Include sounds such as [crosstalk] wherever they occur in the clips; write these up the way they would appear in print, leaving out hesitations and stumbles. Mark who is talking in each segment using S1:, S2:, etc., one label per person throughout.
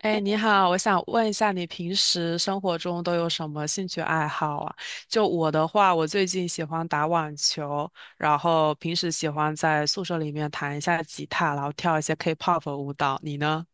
S1: 哎，你好，我想问一下，你平时生活中都有什么兴趣爱好啊？就我的话，我最近喜欢打网球，然后平时喜欢在宿舍里面弹一下吉他，然后跳一些 K-pop 舞蹈。你呢？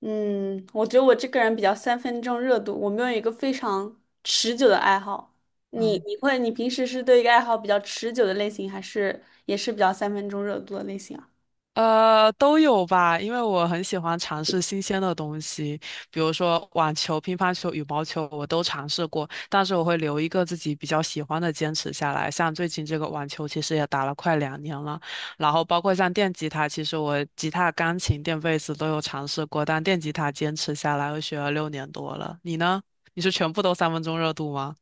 S2: 嗯，我觉得我这个人比较三分钟热度，我没有一个非常持久的爱好。你
S1: 嗯。
S2: 你会你平时是对一个爱好比较持久的类型，还是也是比较三分钟热度的类型啊？
S1: 都有吧，因为我很喜欢尝
S2: [laughs]
S1: 试新鲜的东西，比如说网球、乒乓球、羽毛球，我都尝试过，但是我会留一个自己比较喜欢的坚持下来。像最近这个网球，其实也打了快2年了，然后包括像电吉他，其实我吉他、钢琴、电贝斯都有尝试过，但电吉他坚持下来，我学了6年多了。你呢？你是全部都三分钟热度吗？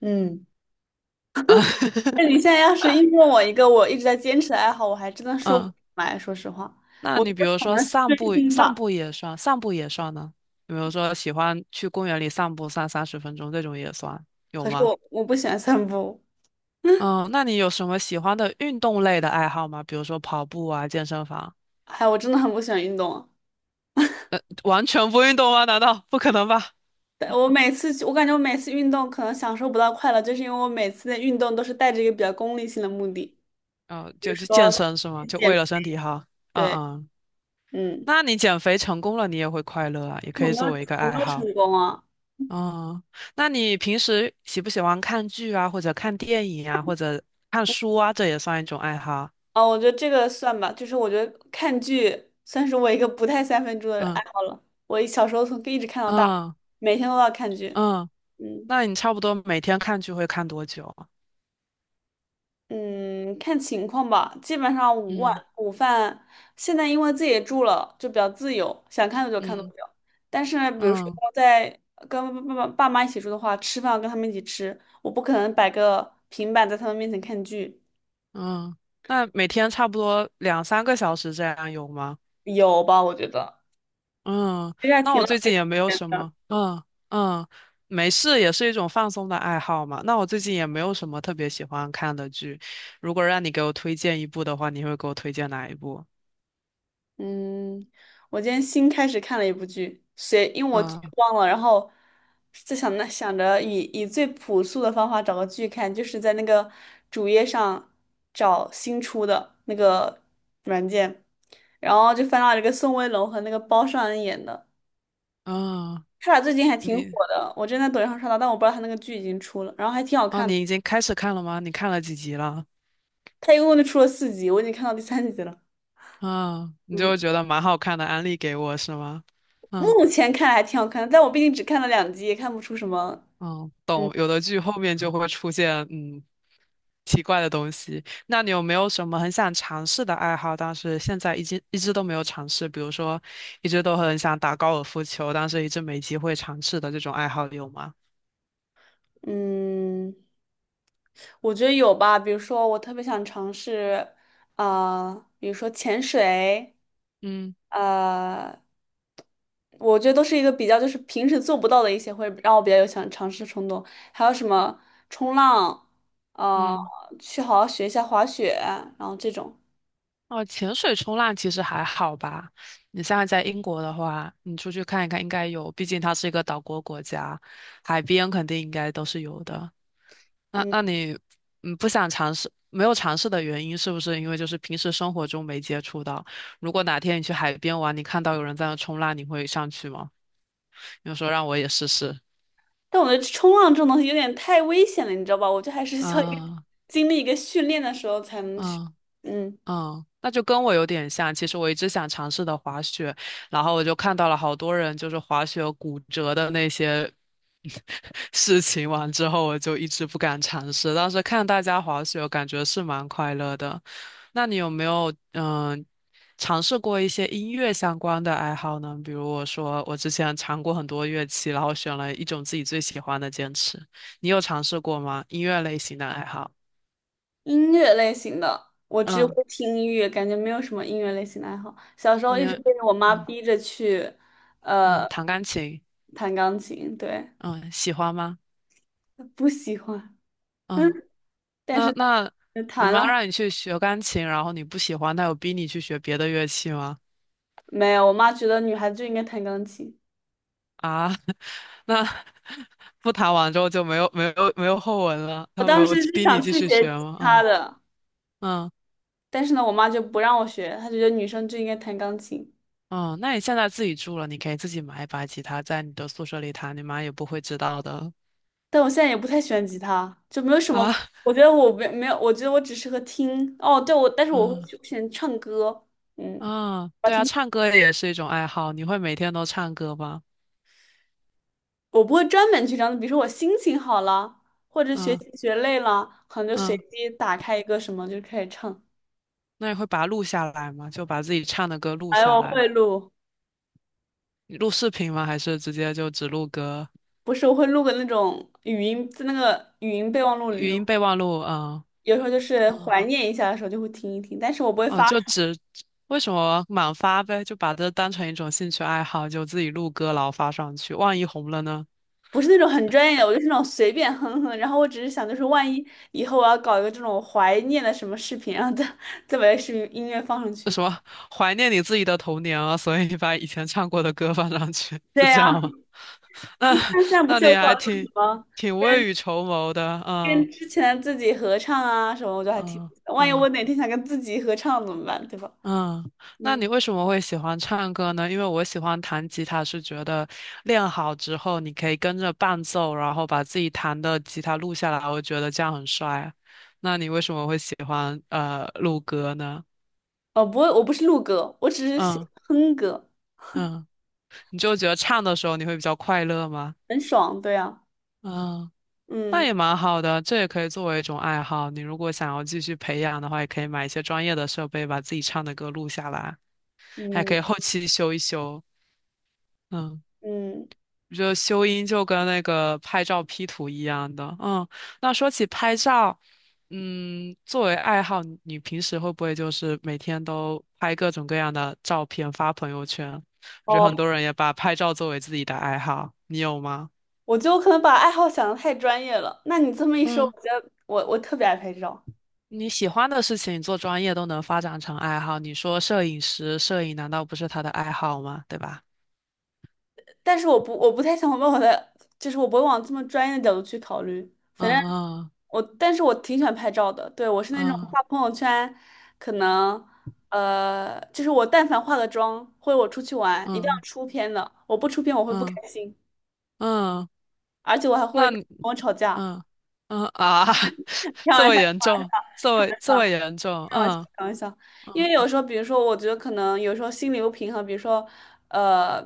S2: 嗯，
S1: [laughs]
S2: 那你现在要是硬问我一个我一直在坚持的爱好，我还真的说不出
S1: 嗯，
S2: 来。说实话，
S1: 那
S2: 我觉
S1: 你比
S2: 得
S1: 如
S2: 可
S1: 说
S2: 能是
S1: 散
S2: 追
S1: 步，
S2: 星
S1: 散
S2: 吧。
S1: 步也算，散步也算呢？比如说喜欢去公园里散步散30分钟这种也算，有
S2: 可是
S1: 吗？
S2: 我不喜欢散步。
S1: 嗯，那你有什么喜欢的运动类的爱好吗？比如说跑步啊，健身房，
S2: 哎，我真的很不喜欢运动啊。
S1: 完全不运动吗？难道不可能吧？
S2: 但我每次去我感觉我每次运动可能享受不到快乐，就是因为我每次的运动都是带着一个比较功利性的目的，
S1: 嗯，
S2: 比如
S1: 就去健
S2: 说
S1: 身是吗？
S2: 去
S1: 就为
S2: 减，
S1: 了身体好。嗯
S2: 对，
S1: 嗯，
S2: 嗯，
S1: 那你减肥成功了，你也会快乐啊，也可
S2: 我
S1: 以
S2: 没有，
S1: 作为一个
S2: 我
S1: 爱
S2: 没有
S1: 好。
S2: 成功啊。
S1: 嗯，那你平时喜不喜欢看剧啊，或者看电影啊，或者看书啊？这也算一种爱好啊。
S2: 啊，我觉得这个算吧，就是我觉得看剧算是我一个不太三分钟的
S1: 嗯，
S2: 爱好了。我小时候从一直看到大，
S1: 嗯
S2: 每天都要看剧。
S1: 嗯，
S2: 嗯。
S1: 那你差不多每天看剧会看多久啊？
S2: 嗯，看情况吧，基本上午晚
S1: 嗯
S2: 午饭，现在因为自己住了，就比较自由，想看多久看多
S1: 嗯
S2: 久。但是呢比如说
S1: 嗯
S2: 在跟爸妈一起住的话，吃饭要跟他们一起吃，我不可能摆个平板在他们面前看剧，
S1: 嗯，那每天差不多两三个小时这样有吗？
S2: 有吧？我觉得
S1: 嗯，
S2: 其实还
S1: 那
S2: 挺
S1: 我
S2: 浪
S1: 最
S2: 费
S1: 近也没有
S2: 钱
S1: 什
S2: 的。
S1: 么，嗯嗯，没事，也是一种放松的爱好嘛。那我最近也没有什么特别喜欢看的剧，如果让你给我推荐一部的话，你会给我推荐哪一部？
S2: 嗯，我今天新开始看了一部剧，谁，因为我剧
S1: 嗯
S2: 忘了，然后就想想着以最朴素的方法找个剧看，就是在那个主页上找新出的那个软件，然后就翻到了一个宋威龙和那个包上恩演的，
S1: 嗯，
S2: 他俩最近还挺火
S1: 你
S2: 的，我之前在抖音上刷到，但我不知道他那个剧已经出了，然后还挺好
S1: 哦，
S2: 看的，
S1: 你已经开始看了吗？你看了几集了？
S2: 他一共就出了四集，我已经看到第三集了，
S1: 嗯，你
S2: 嗯，
S1: 就觉得蛮好看的，安利给我是吗？嗯
S2: 目前看来还挺好看的，但我毕竟只看了两集，也看不出什么。
S1: 嗯，
S2: 嗯。
S1: 懂。有的剧后面就会出现奇怪的东西。那你有没有什么很想尝试的爱好，但是现在一直都没有尝试？比如说，一直都很想打高尔夫球，但是一直没机会尝试的这种爱好有吗？
S2: 嗯，我觉得有吧。比如说，我特别想尝试，啊、比如说潜水，
S1: 嗯
S2: 呃，我觉得都是一个比较就是平时做不到的一些，会让我比较有想尝试的冲动。还有什么冲浪，啊，
S1: 嗯，
S2: 去好好学一下滑雪，然后这种。
S1: 哦，潜水冲浪其实还好吧。你现在在英国的话，你出去看一看，应该有，毕竟它是一个岛国国家，海边肯定应该都是有的。那
S2: 嗯，
S1: 那你不想尝试，没有尝试的原因是不是因为就是平时生活中没接触到？如果哪天你去海边玩，你看到有人在那冲浪，你会上去吗？你就说让我也试试。
S2: 但我觉得冲浪这种东西有点太危险了，你知道吧？我觉得还是需要一个
S1: 啊
S2: [laughs] 经历一个训练的时候才能去。
S1: 啊
S2: 嗯。
S1: 嗯，那就跟我有点像。其实我一直想尝试的滑雪，然后我就看到了好多人就是滑雪骨折的那些 [laughs] 事情，完之后我就一直不敢尝试。当时看大家滑雪，感觉是蛮快乐的。那你有没有尝试过一些音乐相关的爱好呢？比如我说我之前尝过很多乐器，然后选了一种自己最喜欢的坚持。你有尝试过吗？音乐类型的爱好？
S2: 音乐类型的，我只
S1: 嗯，
S2: 会听音乐，感觉没有什么音乐类型的爱好。小时候
S1: 你
S2: 一直被我妈
S1: 嗯。
S2: 逼着去，
S1: 嗯，
S2: 呃，
S1: 弹钢琴，
S2: 弹钢琴，对，
S1: 嗯，喜欢吗？
S2: 不喜欢，嗯，
S1: 嗯，
S2: 但
S1: 那
S2: 是
S1: 那你
S2: 弹
S1: 妈
S2: 了，
S1: 让你去学钢琴，然后你不喜欢，她有逼你去学别的乐器吗？
S2: 没有，我妈觉得女孩子就应该弹钢琴。
S1: 啊，[laughs] 那不弹完之后就没有后文了，
S2: 我
S1: 她没
S2: 当
S1: 有
S2: 时是
S1: 逼你
S2: 想
S1: 继
S2: 去
S1: 续
S2: 学
S1: 学
S2: 吉
S1: 吗？
S2: 他
S1: 啊
S2: 的，
S1: 嗯
S2: 但是呢，我妈就不让我学，她觉得女生就应该弹钢琴。
S1: 嗯，那你现在自己住了，你可以自己买一把吉他，在你的宿舍里弹，你妈也不会知道的
S2: 但我现在也不太喜欢吉他，就没有什么。
S1: 啊。
S2: 我觉得我没有，我觉得我只适合听。哦，对，我但是我会
S1: 嗯
S2: 去喜欢唱歌，嗯，
S1: 嗯，
S2: 我
S1: 对啊，
S2: 听，
S1: 唱歌也是一种爱好，你会每天都唱歌吗？
S2: 我不会专门去唱。比如说我心情好了，或者学
S1: 嗯
S2: 习学累了，可能就随
S1: 嗯。
S2: 机打开一个什么就开始唱。
S1: 那你会把它录下来吗？就把自己唱的歌录
S2: 还有
S1: 下
S2: 我
S1: 来，
S2: 会录，
S1: 你录视频吗？还是直接就只录歌？
S2: 不是我会录个那种语音，在那个语音备忘录里
S1: 语音
S2: 录。
S1: 备忘录，嗯
S2: 有时候就是
S1: 嗯
S2: 怀念一下的时候就会听一听，但是我不会
S1: 嗯，
S2: 发。
S1: 为什么满发呗？就把这当成一种兴趣爱好，就自己录歌，然后发上去。万一红了呢？
S2: 不是那种很专业的，我就是那种随便哼哼。然后我只是想，就是万一以后我要搞一个这种怀念的什么视频，然后再把这个视频音乐放上
S1: 那
S2: 去。
S1: 什么，怀念你自己的童年啊，所以你把以前唱过的歌放上去，
S2: 对
S1: 是这
S2: 呀、
S1: 样吗？[laughs]
S2: 你
S1: 那
S2: 看现在不
S1: 那
S2: 是
S1: 你
S2: 有搞
S1: 还
S2: 那种什
S1: 挺
S2: 么
S1: 挺未雨绸缪的，嗯
S2: 跟之前自己合唱啊什么，我就还挺，
S1: 嗯
S2: 万一我
S1: 嗯。
S2: 哪天想跟自己合唱怎么办，对吧？
S1: 嗯，那
S2: 嗯，
S1: 你为什么会喜欢唱歌呢？因为我喜欢弹吉他，是觉得练好之后，你可以跟着伴奏，然后把自己弹的吉他录下来，我觉得这样很帅。那你为什么会喜欢录歌呢？
S2: 哦，不会，我不是录歌，我只是喜
S1: 嗯
S2: 欢哼歌，
S1: 嗯，你就觉得唱的时候你会比较快乐吗？
S2: 很爽，对呀，
S1: 嗯，那
S2: 嗯
S1: 也蛮好的，这也可以作为一种爱好。你如果想要继续培养的话，也可以买一些专业的设备，把自己唱的歌录下来，还可
S2: 嗯
S1: 以后期修一修。嗯。
S2: 嗯，
S1: 就修音就跟那个拍照 P 图一样的，嗯。那说起拍照，嗯，作为爱好，你平时会不会就是每天都拍各种各样的照片发朋友圈？我觉得
S2: 哦，
S1: 很多人也把拍照作为自己的爱好，你有吗？
S2: 我就可能把爱好想的太专业了。那你这么一说，
S1: 嗯，
S2: 我觉得我特别爱拍照。
S1: 你喜欢的事情做专业都能发展成爱好，你说摄影师，摄影难道不是他的爱好吗？对吧？
S2: 但是我不太想往我的，就是我不会往这么专业的角度去考虑。反正
S1: 嗯
S2: 我，但是我挺喜欢拍照的。对，我是那种
S1: 嗯
S2: 发朋友圈，可能就是我但凡化个妆，或者我出去玩，一定要
S1: 嗯嗯
S2: 出片的。我不出片我会不
S1: 嗯
S2: 开心，
S1: 嗯，
S2: 而且我还会
S1: 那
S2: 跟我吵架。
S1: 嗯嗯啊，[laughs]
S2: 开
S1: 这
S2: 玩
S1: 么
S2: 笑，
S1: 严
S2: 开玩笑，
S1: 重，这
S2: 开
S1: 么这
S2: 玩
S1: 么
S2: 笑。
S1: 严重，
S2: 开玩笑，
S1: 嗯
S2: 开玩笑，因
S1: 嗯
S2: 为有时候，比如说，我觉得可能有时候心理不平衡，比如说，呃，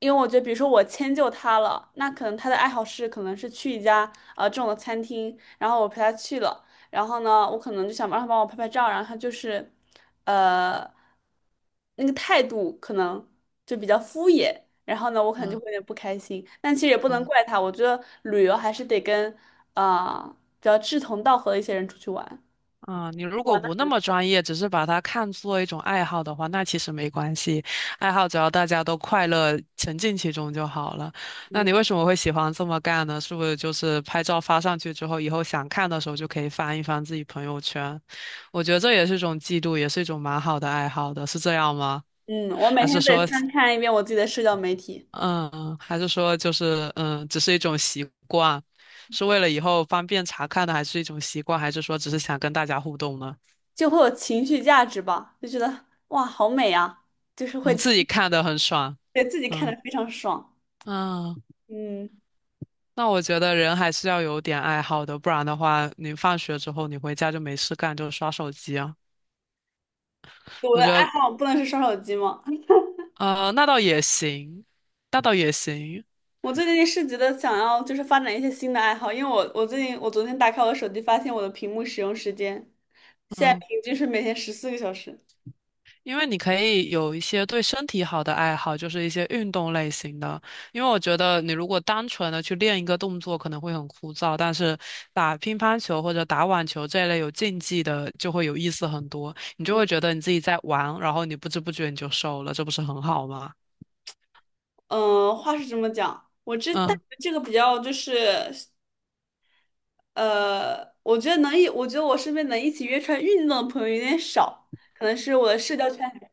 S2: 因为我觉得，比如说我迁就他了，那可能他的爱好是可能是去一家这种的餐厅，然后我陪他去了，然后呢，我可能就想让他帮我拍拍照，然后他就是，呃，那个态度可能就比较敷衍，然后呢，我可能就
S1: 嗯
S2: 会有点不开心，但其实也不能
S1: 嗯
S2: 怪他，我觉得旅游还是得跟比较志同道合的一些人出去玩，
S1: 嗯，你如果
S2: 玩的
S1: 不那
S2: 很
S1: 么
S2: 累。
S1: 专业，只是把它看作一种爱好的话，那其实没关系，爱好只要大家都快乐，沉浸其中就好了。那你为什么会喜欢这么干呢？是不是就是拍照发上去之后，以后想看的时候就可以翻一翻自己朋友圈？我觉得这也是一种记录，也是一种蛮好的爱好的，是这样吗？
S2: 嗯，我每
S1: 还是
S2: 天得
S1: 说
S2: 翻看一遍我自己的社交媒体，
S1: 嗯，还是说就是，只是一种习惯，是为了以后方便查看的，还是一种习惯，还是说只是想跟大家互动呢？
S2: 就会有情绪价值吧，就觉得哇，好美啊，就是会
S1: 嗯，自己看的很爽，
S2: 给自己看
S1: 嗯
S2: 的非常爽。
S1: 嗯，
S2: 嗯，
S1: 那我觉得人还是要有点爱好的，不然的话，你放学之后你回家就没事干，就刷手机啊。
S2: 我
S1: 我
S2: 的
S1: 觉
S2: 爱
S1: 得
S2: 好不能是刷手机吗？
S1: 那倒也行，那倒也行，
S2: 我最近是觉得想要就是发展一些新的爱好，因为我我最近我昨天打开我的手机，发现我的屏幕使用时间现在
S1: 嗯。
S2: 平均是每天14个小时。
S1: 因为你可以有一些对身体好的爱好，就是一些运动类型的。因为我觉得你如果单纯的去练一个动作，可能会很枯燥，但是打乒乓球或者打网球这一类有竞技的，就会有意思很多。你就会觉得你自己在玩，然后你不知不觉你就瘦了，这不是很好吗？
S2: 嗯、话是这么讲，我这但
S1: 嗯，
S2: 这个比较就是。我觉得我觉得我身边能一起约出来运动的朋友有点少，可能是我的社交圈里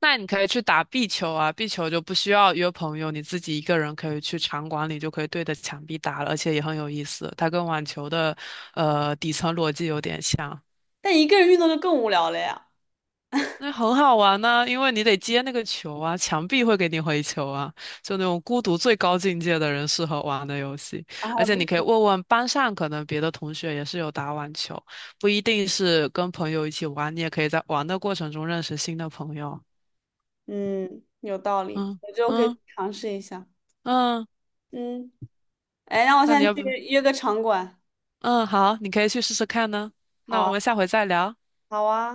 S1: 那你可以去打壁球啊，壁球就不需要约朋友，你自己一个人可以去场馆里就可以对着墙壁打了，而且也很有意思。它跟网球的底层逻辑有点像。
S2: 但一个人运动就更无聊了呀。
S1: 那很好玩呢、因为你得接那个球啊，墙壁会给你回球啊，就那种孤独最高境界的人适合玩的游戏。而
S2: 啊，
S1: 且
S2: 不
S1: 你可以
S2: 是
S1: 问问班上，可能别的同学也是有打网球，不一定是跟朋友一起玩，你也可以在玩的过程中认识新的朋友。
S2: 嗯，有道理，
S1: 嗯
S2: 我觉得我可以
S1: 嗯
S2: 尝试一下。
S1: 嗯，
S2: 嗯，哎，那我
S1: 那
S2: 现
S1: 你
S2: 在
S1: 要
S2: 去
S1: 不，
S2: 约个场馆。
S1: 嗯，好，你可以去试试看呢。
S2: 好
S1: 那我
S2: 啊，
S1: 们下回再聊。
S2: 好啊。